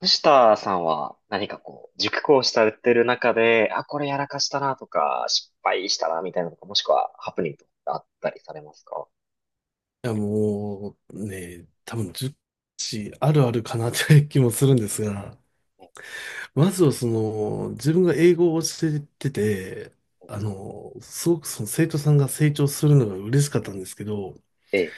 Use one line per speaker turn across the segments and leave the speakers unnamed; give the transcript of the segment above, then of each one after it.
藤田さんは何かこう、熟考されてる中で、あ、これやらかしたなとか、失敗したなみたいなのとか、もしくはハプニングとかってあったりされますか？
いや、もうね、多分10地あるあるかなって気もするんですが、まずはその、自分が英語を教えてて、すごくその生徒さんが成長するのが嬉しかったんですけど、
ええ、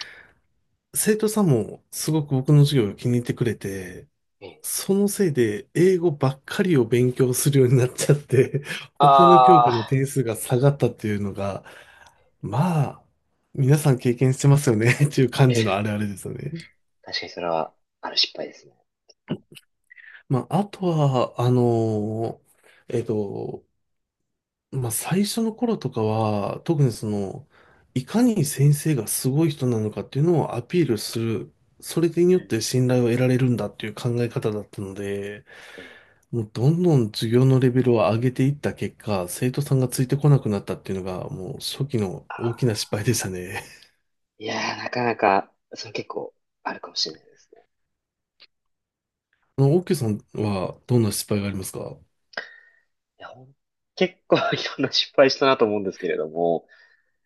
生徒さんもすごく僕の授業を気に入ってくれて、
ええ。
そのせいで英語ばっかりを勉強するようになっちゃって、他の教
あ
科の
あ、
点数が下がったっていうのが、まあ、皆さん経験してますよねっていう感
え
じ
え。
のあれですよね。
確かにそれは、ある失敗ですね。こ
まあ、あとは、ーえっと、まあ、最初の頃とかは、特にその、いかに先生がすごい人なのかっていうのをアピールする、それに
うん。
よっ
う
て信頼を得られるんだっていう考え方だったので、
ええ
もうどんどん授業のレベルを上げていった結果、生徒さんがついてこなくなったっていうのが、もう初期の大きな失敗でしたね。
いやー、なかなか、それ結構あるかもしれないですね。
オッケーさんはどんな失敗がありますか？
いや、ほん結構 いろんな失敗したなと思うんですけれども、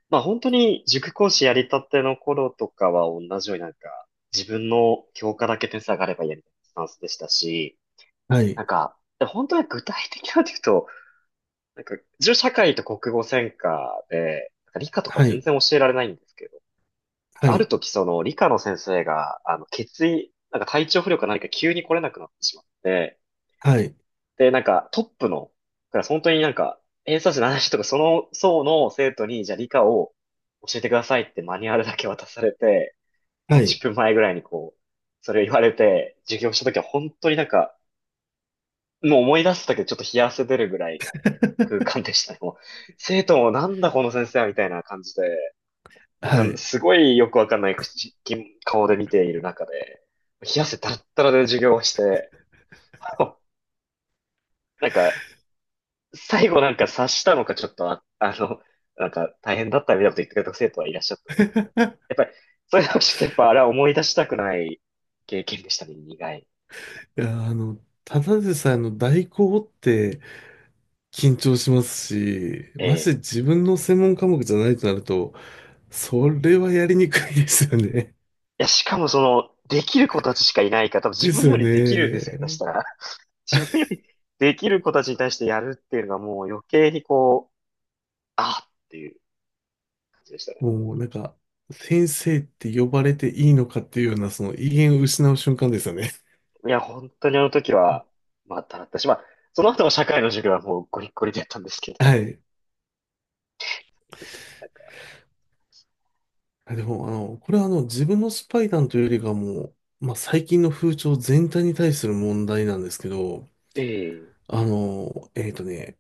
まあ本当に塾講師やりたての頃とかは同じように自分の教科だけ点数上がればいいやみたいなスタンスでしたし、
はい、
なんか本当に具体的なんて言うと、なんか自分社会と国語専科で、なんか理科とか
は
全
い、
然教えられないんですけど、なん
は
かある
い、
時その理科の先生が血液、なんか体調不良か何か急に来れなくなってしまって、
はい、
で、なんか、トップのクラス、本当になんか、偏差値の話とか、その層の生徒に、じゃあ理科を教えてくださいってマニュアルだけ渡されて、
はい、は
30
い。
分前ぐらいにこう、それを言われて、授業した時は本当になんか、もう思い出すだけでちょっと冷や汗出るぐらいの空間でしたね。もう生徒もなんだこの先生はみたいな感じで、かんす ごいよくわかんない口顔で見ている中で、冷や汗だったらで授業をして、なんか、最後なんか察したのかちょっとあ、なんか大変だったみたいなこと言ってくれた生徒はいらっしゃった。やっぱり、そういうのを知って、やっぱあれは思い出したくない経験でしたね、苦い。
いや、ただでさえの代行って緊張しますし、
え
まして
え。
自分の専門科目じゃないとなると、それはやりにくいですよね。
いや、しかもその、できる子たちしかいないから、多分 自
で
分
す
よ
よ
りできるんですよ、下手し
ね。
たら。自分よりできる子たちに対してやるっていうのがもう余計にこう、あっていう感じでしたね。
もうなんか、先生って呼ばれていいのかっていうような、その威厳を失う瞬間ですよね。
いや、本当にあの時は、まあ、だったし、まあ、その後の社会の授業はもうゴリッゴリでやったんですけ ど。
はい。
ですねなんか
あでも、これは自分のスパイ談というよりかはもう、まあ、最近の風潮全体に対する問題なんですけど、
ええ、
あの、えっとね、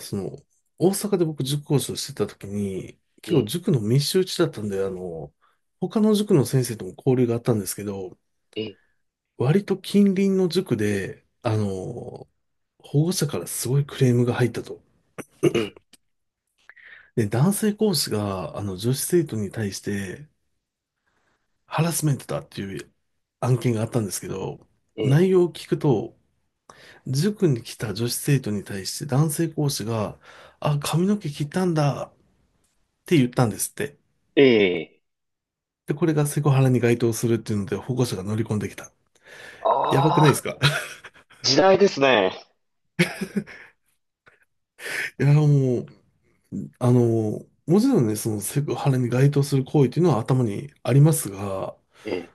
その、大阪で僕塾講師をしてた時に、結
え
構
え、
塾の密集地だったんで、他の塾の先生とも交流があったんですけど、
ええ。
割と近隣の塾で、
え
保護者からすごいクレームが入ったと。
え、
で、男性講師が、女子生徒に対してハラスメントだっていう案件があったんですけど、
ええ、
内容を聞くと、塾に来た女子生徒に対して男性講師が、あ、髪の毛切ったんだって言ったんですって。
ええ。
で、これがセクハラに該当するっていうので、保護者が乗り込んできた。やばくないで
あ
す
あ、
か？
時代ですね。
いや、もう、もちろんね、そのセクハラに該当する行為っていうのは頭にありますが、
ええ。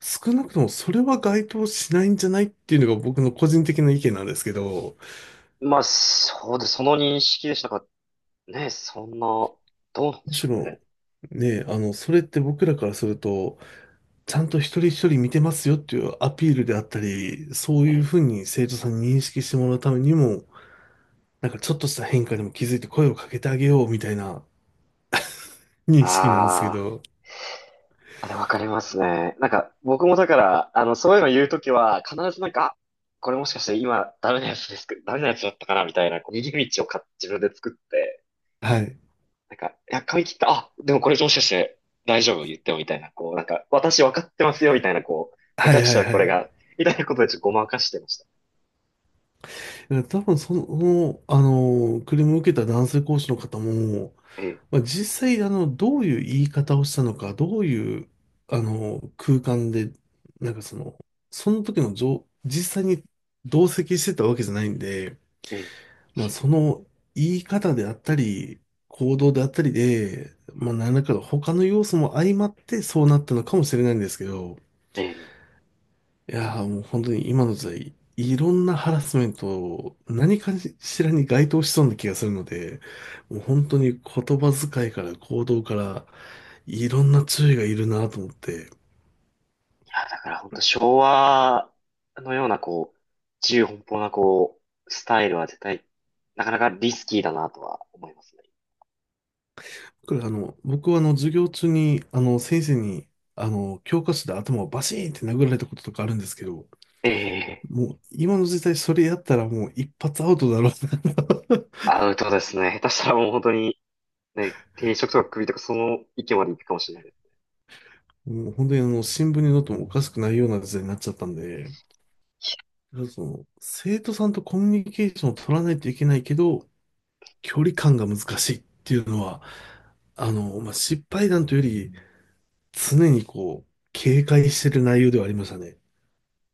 少なくともそれは該当しないんじゃないっていうのが僕の個人的な意見なんですけど、
まあ、そうです。その認識でしたか。ね、そんな、どうなんで
む
し
し
ょうね。
ろ、ね、それって僕らからすると、ちゃんと一人一人見てますよっていうアピールであったり、そう
え
いう
え。
ふうに生徒さんに認識してもらうためにも、なんかちょっとした変化にも気づいて声をかけてあげようみたいな、に
あ
好きなんですけ
ー
ど、
あ、でわかりますね。なんか、僕もだから、そういうの言うときは、必ずなんか、あこれもしかして今、ダメなやつですけど、ダメなやつだったかな、みたいな、こう逃げ道をか、自分で作って、
はい。
なんか、いや、髪切った、あ、でもこれもしかして大丈夫言ってもみたいな、こう、なんか、私分かってますよみたいな、こう、
は
下
い
手し
は
た
い
ら
は
これ
い。
が、みたいなことでちょっとごまかしてました。
多分その、クレームを受けた男性講師の方も、
ええ、
まあ、実際、どういう言い方をしたのか、どういう、空間で、なんかその、その時の状、実際に同席してたわけじゃないんで、
ええ、
まあ、その言い方であったり、行動であったりで、まあ、何らかの他の要素も相まってそうなったのかもしれないんですけど、
ええ。い
いやーもう本当に今の時代、いろんなハラスメントを何かしらに該当しそうな気がするので、もう本当に言葉遣いから行動からいろんな注意がいるなと思って、
や、だから本当昭和のような、こう、自由奔放な、こう、スタイルは絶対、なかなかリスキーだなとは思いますね。
これ僕はあの授業中にあの先生にあの教科書で頭をバシーンって殴られたこととかあるんですけど、
ええ、
もう今の時代それやったらもう一発アウトだろうな。
アウトですね。下手したらもう本当に、ね、定食とか首とかその域まで行くかもしれないです。
もう本当にあの新聞に載ってもおかしくないような時代になっちゃったんで、だからその、生徒さんとコミュニケーションを取らないといけないけど、距離感が難しいっていうのは、まあ、失敗談というより、常にこう、警戒してる内容ではありましたね。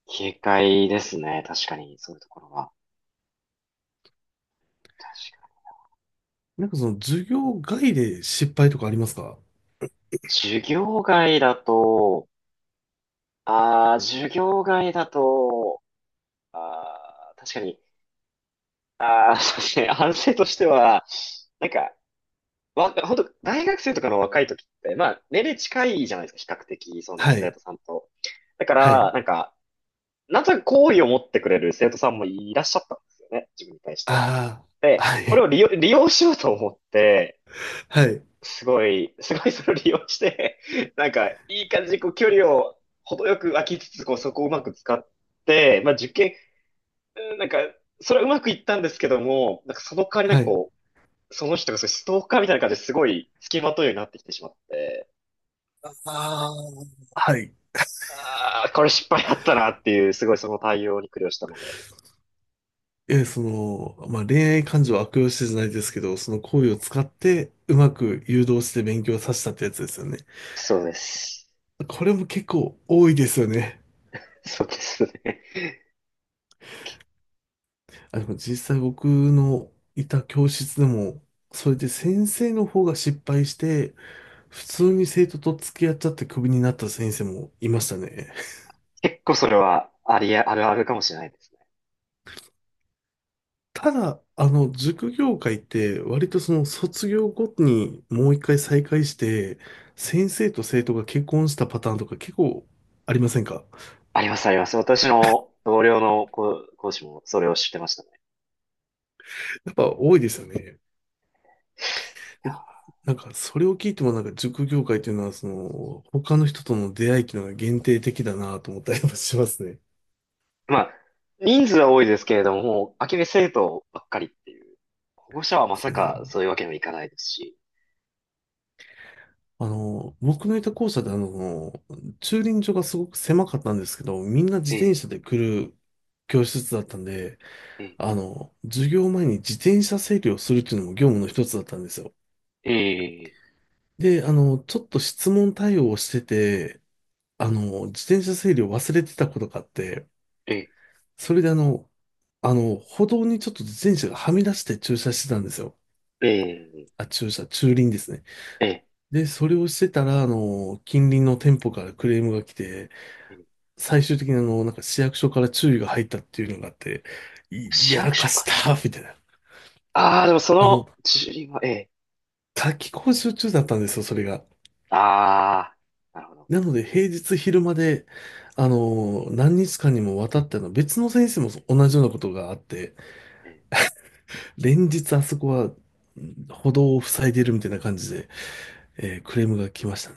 警戒ですね。確かに、そういうところは。確かに
なんかその、授業外で失敗とかありますか？
授業外だと、ああ、授業外だと、ああ、確かに、ああ、そうですね、反省としては、なんか、わ、ほんと、大学生とかの若い時って、まあ、年齢近いじゃないですか、比較的、そ
は
の生
い。
徒さんと。だか
は
ら、
い。
なんか、なんとなく好意を持ってくれる生徒さんもいらっしゃったんですよね、自分に対して。
ああ、
で、
は
これを利
い。
用、利用しようと思って、
はい。
すごいそれを利用して、なんか、いい感じにこう距離を程よく空きつつ、こうそこをうまく使って、まあ受験、うんなんか、それはうまくいったんですけども、なんかその代わりなん
は
か
い。
こう、その人がそういうストーカーみたいな感じですごい付きまとうようになってきてしまって、
ああ、はい。
ああ、これ失敗だったなっていう、すごいその対応に苦慮したので。
え、その、まあ、恋愛感情を悪用してじゃないですけど、その行為を使って、うまく誘導して勉強させたってやつですよね。
そうです。
これも結構多いですよね。
そうですね。
あ、でも実際僕のいた教室でも、それで先生の方が失敗して、普通に生徒と付き合っちゃってクビになった先生もいましたね。
結構それはありあ、あるあるかもしれないです。
ただ、塾業界って割とその卒業後にもう一回再開して、先生と生徒が結婚したパターンとか結構ありませんか？
あります、あります。私の同僚の講師もそれを知ってましたね。
やっぱ多いですよね。てかなんか、それを聞いてもなんか塾業界というのは、その、他の人との出会いっていうのが限定的だなと思ったりもしますね。で
まあ、人数は多いですけれども、もう、空き部生徒ばっかりっていう。保護者はま
す
さか
ね。
そういうわけにはいかないですし。
僕のいた校舎で駐輪場がすごく狭かったんですけど、みんな自
え
転
え、
車で来る教室だったんで、
え
授業前に自転車整理をするっていうのも業務の一つだったんですよ。
え、ええ、
で、ちょっと質問対応をしてて、自転車整理を忘れてたことがあって、
ええ、
それで歩道にちょっと自転車がはみ出して駐車してたんですよ。
ええ、
あ、駐車、駐輪ですね。
ええ、
で、それをしてたら、近隣の店舗からクレームが来て、
ええ
最終的になんか市役所から注意が入ったっていうのがあって、い
市
やら
役
か
所
し
から。
た、みたいな。
ああ、でもそ
あの、
の、自分は、ええ、
夏季講習中だったんですよ、それが。
ああ、なるほど。
なので、平日昼間で、何日間にもわたって、別の先生も同じようなことがあって、
ええ、
連日あそこは歩道を塞いでるみたいな感じで、クレームが来ましたね。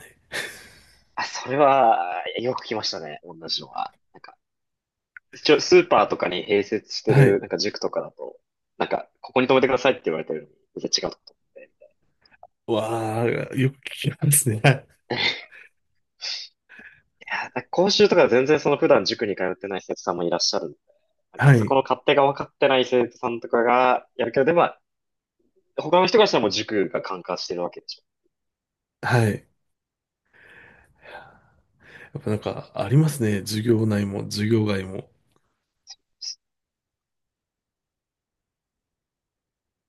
あ、それは、よく来ましたね、同じのは。なんか、一応スーパーとかに併設して
は
る、
い。
なんか塾とかだと、なんか、ここに泊めてくださいって言われてるのに、全然違うとこ止めて。
わあ、よく聞きますね。
や、だ講習とか全然その普段塾に通ってない生徒さんもいらっしゃるんで、なんか
はい。
そ
は
こ
い。
の勝手が分かってない生徒さんとかがやるけど、でもまあ、他の人がしたらもう塾が管轄してるわけでしょ。
はい。やっぱなんか、ありますね。授業内も授業外も。